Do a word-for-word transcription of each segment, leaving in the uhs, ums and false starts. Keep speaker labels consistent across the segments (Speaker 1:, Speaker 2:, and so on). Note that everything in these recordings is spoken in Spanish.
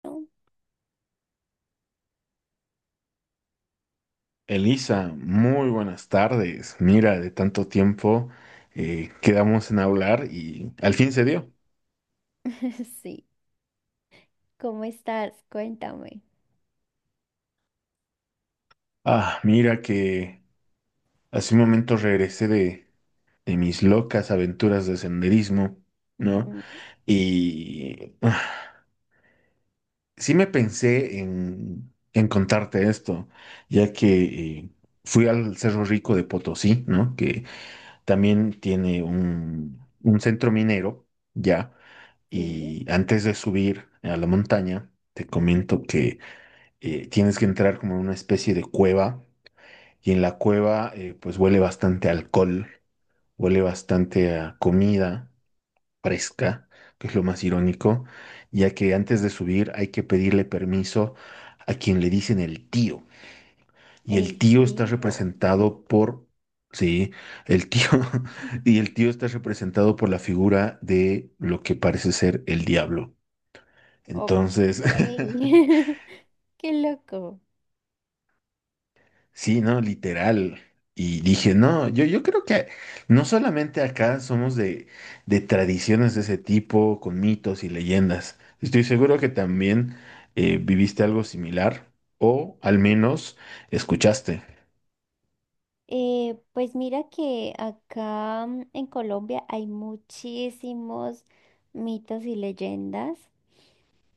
Speaker 1: Elisa, muy buenas tardes. Mira, de tanto tiempo eh, quedamos en hablar y al fin se dio.
Speaker 2: Sí, ¿cómo estás? Cuéntame.
Speaker 1: Ah, mira que hace un momento regresé de, de mis locas aventuras de senderismo, ¿no?
Speaker 2: Ujú.
Speaker 1: Y ah, sí me pensé en, en contarte esto, ya que eh, fui al Cerro Rico de Potosí, ¿no? Que también tiene un, un centro minero, ya.
Speaker 2: Sí,
Speaker 1: Y antes de subir a la montaña, te comento que eh, tienes que entrar como en una especie de cueva. Y en la cueva, eh, pues huele bastante a alcohol, huele bastante a comida fresca, que es lo más irónico, ya que antes de subir hay que pedirle permiso a quien le dicen el tío. Y el
Speaker 2: el
Speaker 1: tío está
Speaker 2: tío.
Speaker 1: representado por, sí, el tío, y el tío está representado por la figura de lo que parece ser el diablo.
Speaker 2: Ok,
Speaker 1: Entonces,
Speaker 2: qué loco.
Speaker 1: sí, no, literal. Y dije, no, yo, yo creo que no solamente acá somos de, de tradiciones de ese tipo, con mitos y leyendas. Estoy seguro que también eh, viviste algo similar o al menos escuchaste.
Speaker 2: Eh, pues mira que acá mm, en Colombia hay muchísimos mitos y leyendas.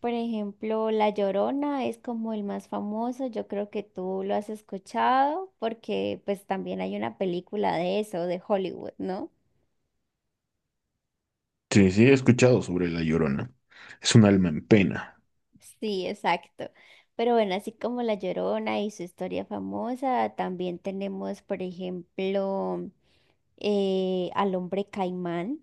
Speaker 2: Por ejemplo, La Llorona es como el más famoso. Yo creo que tú lo has escuchado porque pues también hay una película de eso, de Hollywood, ¿no?
Speaker 1: Sí, sí, he escuchado sobre La Llorona. Es un alma en pena.
Speaker 2: Sí, exacto. Pero bueno, así como La Llorona y su historia famosa, también tenemos, por ejemplo, eh, al hombre caimán,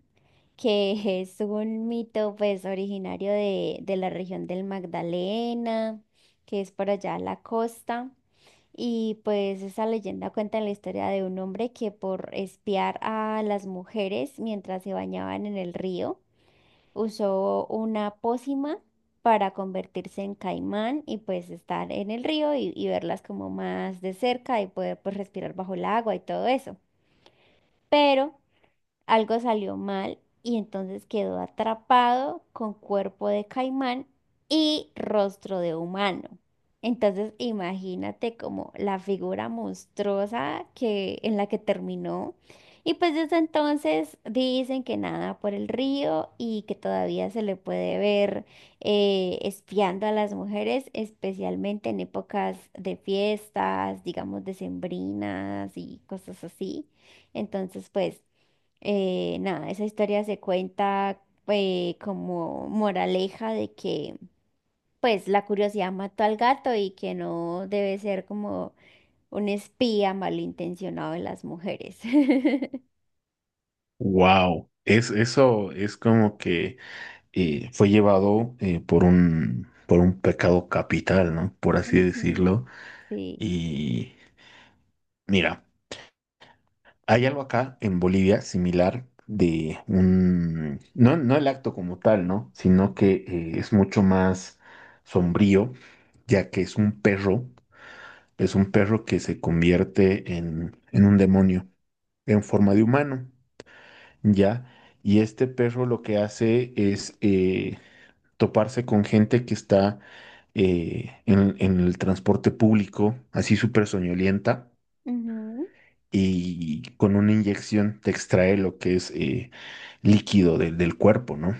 Speaker 2: que es un mito pues originario de, de la región del Magdalena, que es por allá a la costa. Y pues esa leyenda cuenta la historia de un hombre que por espiar a las mujeres mientras se bañaban en el río, usó una pócima para convertirse en caimán y pues estar en el río y, y verlas como más de cerca y poder pues respirar bajo el agua y todo eso. Pero algo salió mal y entonces quedó atrapado con cuerpo de caimán y rostro de humano. Entonces imagínate como la figura monstruosa que, en la que terminó. Y pues desde entonces dicen que nada por el río y que todavía se le puede ver eh, espiando a las mujeres, especialmente en épocas de fiestas, digamos, decembrinas y cosas así. Entonces, pues... Eh, nada, esa historia se cuenta eh, como moraleja de que pues la curiosidad mató al gato y que no debe ser como un espía malintencionado de las mujeres.
Speaker 1: Wow. Es, eso es como que eh, fue llevado eh, por un, por un pecado capital, ¿no? Por así
Speaker 2: Ujú.
Speaker 1: decirlo.
Speaker 2: Sí.
Speaker 1: Y mira, hay algo acá en Bolivia similar de un... No, no el acto como tal, ¿no? Sino que eh, es mucho más sombrío, ya que es un perro, es un perro que se convierte en, en un demonio en forma de humano. ¿Ya? Y este perro lo que hace es eh, toparse con gente que está eh, en, en el transporte público, así súper soñolienta,
Speaker 2: Ujú.
Speaker 1: y con una inyección te extrae lo que es eh, líquido del del cuerpo, ¿no?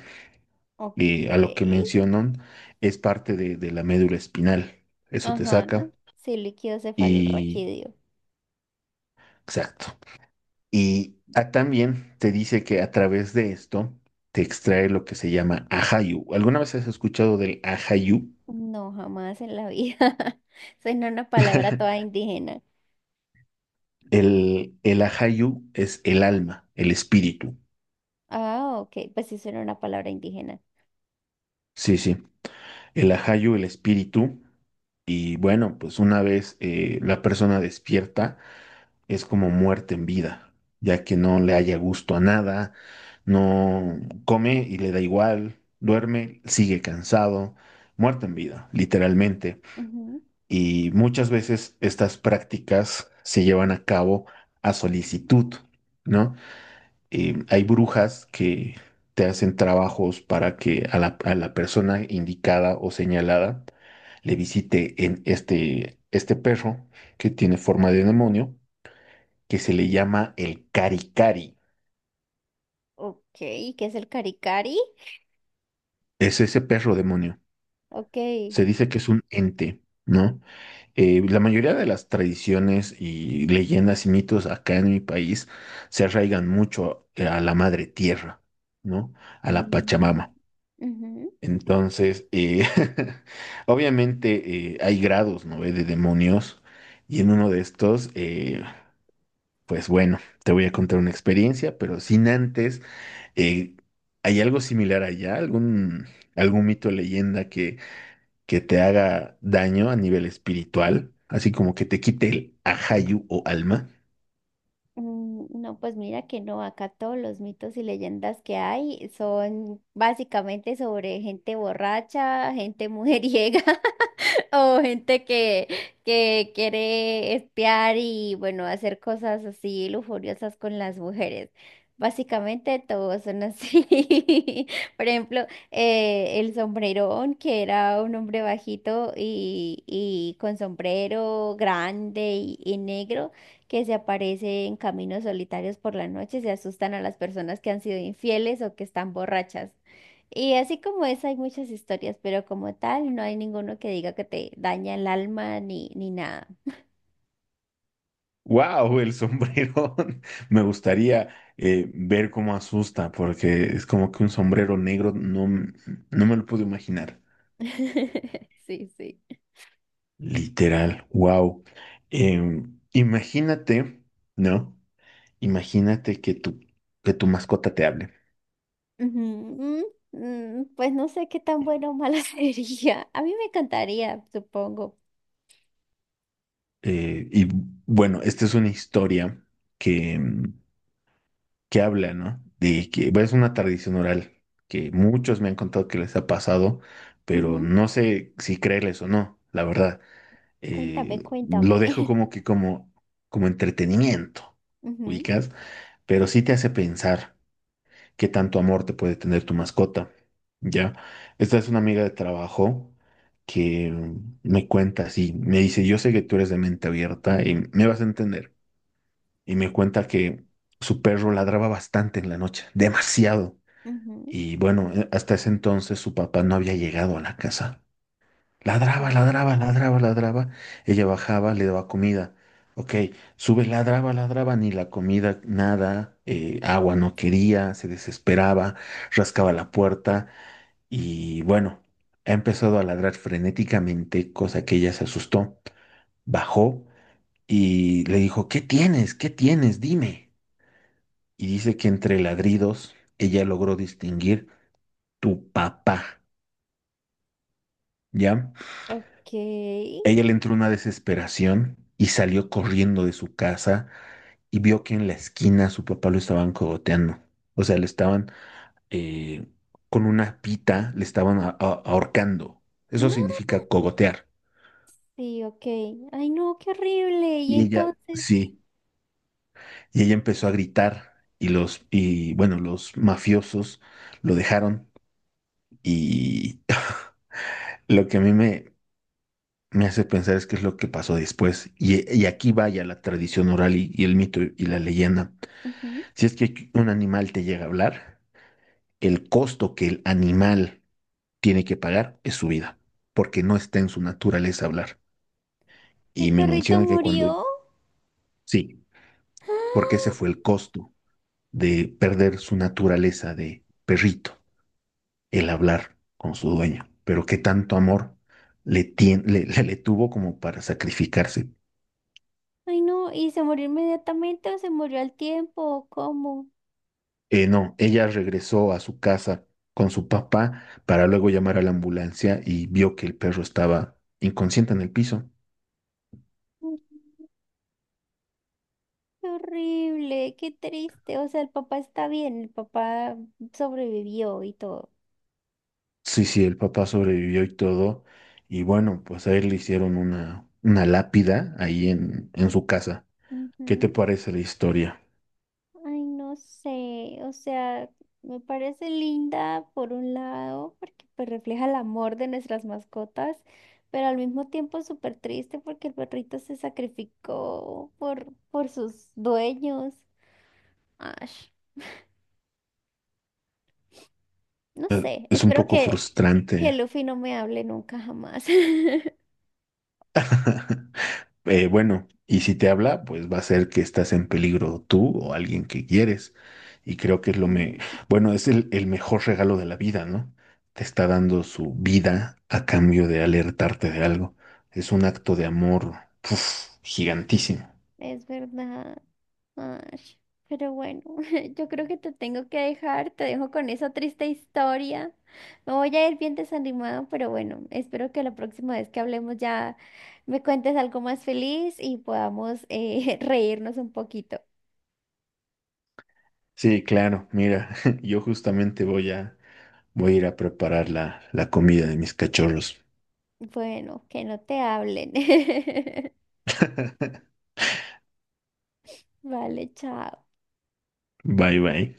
Speaker 2: Ok.
Speaker 1: Eh, a lo que mencionan es parte de, de la médula espinal, eso te
Speaker 2: Ajá.
Speaker 1: saca
Speaker 2: Sí, líquido
Speaker 1: y...
Speaker 2: cefalorraquídeo.
Speaker 1: Exacto. Y ah, también te dice que a través de esto te extrae lo que se llama ajayu. ¿Alguna vez has escuchado del ajayu?
Speaker 2: No, jamás en la vida. Suena una palabra toda indígena.
Speaker 1: El, el ajayu es el alma, el espíritu.
Speaker 2: Ah, ok. Pues sí, suena una palabra indígena.
Speaker 1: Sí, sí. El ajayu, el espíritu. Y bueno, pues una vez eh, la persona despierta, es como muerte en vida, ya que no le haya gusto a nada, no come y le da igual, duerme, sigue cansado, muerte en vida, literalmente. Y muchas veces estas prácticas se llevan a cabo a solicitud, ¿no? Eh, hay brujas que te hacen trabajos para que a la, a la persona indicada o señalada le visite en este, este perro que tiene forma de demonio, que se le llama el cari cari.
Speaker 2: Ok, ¿qué es el caricari?
Speaker 1: Es ese perro demonio.
Speaker 2: Ok.
Speaker 1: Se dice que es un ente, ¿no? Eh, la mayoría de las tradiciones y leyendas y mitos acá en mi país se arraigan mucho eh, a la madre tierra, ¿no? A la
Speaker 2: Mm.
Speaker 1: Pachamama.
Speaker 2: Ujú.
Speaker 1: Entonces, eh, obviamente eh, hay grados, ¿no? eh, De demonios y en uno de estos, eh, pues bueno, te voy a contar una experiencia, pero sin antes, eh, ¿hay algo similar allá? ¿Algún, algún mito o leyenda que que te haga daño a nivel espiritual, así como que te quite el ajayu o alma?
Speaker 2: mm, No, pues mira que no, acá todos los mitos y leyendas que hay son básicamente sobre gente borracha, gente mujeriega. O gente que, que quiere espiar y bueno, hacer cosas así lujuriosas con las mujeres. Básicamente todos son así. Por ejemplo, eh, el sombrerón, que era un hombre bajito y, y con sombrero grande y, y negro, que se aparece en caminos solitarios por la noche, se asustan a las personas que han sido infieles o que están borrachas. Y así como es, hay muchas historias, pero como tal, no hay ninguno que diga que te daña el alma ni, ni nada.
Speaker 1: ¡Wow! El sombrero. Me gustaría eh, ver cómo asusta, porque es como que un sombrero negro, no, m- no me lo puedo imaginar.
Speaker 2: Sí, sí.
Speaker 1: Literal, wow. Imagínate, ¿no? Imagínate que tu, que tu mascota te hable.
Speaker 2: Ujú. Mm. Mm. Pues no sé qué tan bueno o malo sería. A mí me encantaría, supongo.
Speaker 1: Eh, y bueno, esta es una historia que que habla, ¿no? De que bueno, es una tradición oral que muchos me han contado que les ha pasado, pero
Speaker 2: Ujú.
Speaker 1: no sé si creerles o no, la verdad.
Speaker 2: Cuéntame,
Speaker 1: Eh, lo
Speaker 2: cuéntame.
Speaker 1: dejo como que como, como entretenimiento,
Speaker 2: Ujú.
Speaker 1: ubicas, pero sí te hace pensar qué tanto amor te puede tener tu mascota, ¿ya? Esta es una amiga de trabajo que me cuenta así, me dice, yo sé que tú eres de mente abierta y me vas a entender y me cuenta que su perro ladraba bastante en la noche, demasiado.
Speaker 2: Ujú.
Speaker 1: Y bueno, eh, hasta ese entonces su papá no había llegado a la casa. Ladraba,
Speaker 2: Sí.
Speaker 1: ladraba, ladraba, ladraba. Ella bajaba, le daba comida. Ok, sube, ladraba, ladraba, ni la comida, nada, eh, agua no quería, se desesperaba, rascaba la puerta y bueno, ha empezado a ladrar frenéticamente, cosa que ella se asustó. Bajó y le dijo, ¿qué tienes? ¿Qué tienes? Dime, y dice que entre ladridos ella logró distinguir tu papá, ¿ya?
Speaker 2: Ok.
Speaker 1: Ella le entró una desesperación y salió corriendo de su casa y vio que en la esquina su papá lo estaban cogoteando. O sea, le estaban eh, con una pita, le estaban a- a- ahorcando. Eso
Speaker 2: Mm.
Speaker 1: significa cogotear.
Speaker 2: Sí, ok. Ay, no, qué horrible. Y
Speaker 1: Y ella,
Speaker 2: entonces,
Speaker 1: sí, y ella empezó a gritar y los, y bueno, los mafiosos lo dejaron y... Lo que a mí me, me hace pensar es qué es lo que pasó después. Y, y aquí vaya la tradición oral y, y el mito y la leyenda.
Speaker 2: ujú,
Speaker 1: Si es que un animal te llega a hablar, el costo que el animal tiene que pagar es su vida, porque no está en su naturaleza hablar.
Speaker 2: ¿el
Speaker 1: Y me
Speaker 2: perrito
Speaker 1: menciona que cuando,
Speaker 2: murió?
Speaker 1: sí, porque ese fue el costo de perder su naturaleza de perrito, el hablar con su dueño. Pero qué tanto amor le, tien- le, le le tuvo como para sacrificarse.
Speaker 2: Ay, no, ¿y se murió inmediatamente o se murió al tiempo o cómo?
Speaker 1: Eh, no, ella regresó a su casa con su papá para luego llamar a la ambulancia y vio que el perro estaba inconsciente en el piso.
Speaker 2: Mm. Qué horrible, qué triste. O sea, el papá está bien, el papá sobrevivió y todo.
Speaker 1: Sí, sí, el papá sobrevivió y todo. Y bueno, pues a él le hicieron una, una lápida ahí en, en su casa. ¿Qué te
Speaker 2: Ujú.
Speaker 1: parece la historia?
Speaker 2: Ay, no sé, o sea, me parece linda por un lado, porque pues refleja el amor de nuestras mascotas, pero al mismo tiempo es súper triste porque el perrito se sacrificó por, por sus dueños. Ay. No sé,
Speaker 1: Es un
Speaker 2: espero
Speaker 1: poco
Speaker 2: que, que
Speaker 1: frustrante.
Speaker 2: Luffy no me hable nunca jamás.
Speaker 1: Eh, bueno, y si te habla, pues va a ser que estás en peligro tú o alguien que quieres. Y creo que es lo me,
Speaker 2: Mm.
Speaker 1: bueno, es el, el mejor regalo de la vida, ¿no? Te está dando su vida a cambio de alertarte de algo. Es un acto de amor, uf, gigantísimo.
Speaker 2: Es verdad. Ash, pero bueno, yo creo que te tengo que dejar, te dejo con esa triste historia. Me voy a ir bien desanimada, pero bueno, espero que la próxima vez que hablemos ya me cuentes algo más feliz y podamos eh, reírnos un poquito.
Speaker 1: Sí, claro, mira, yo justamente voy a, voy a ir a preparar la, la comida de mis cachorros.
Speaker 2: Bueno, que no te hablen. Vale, chao.
Speaker 1: Bye, bye.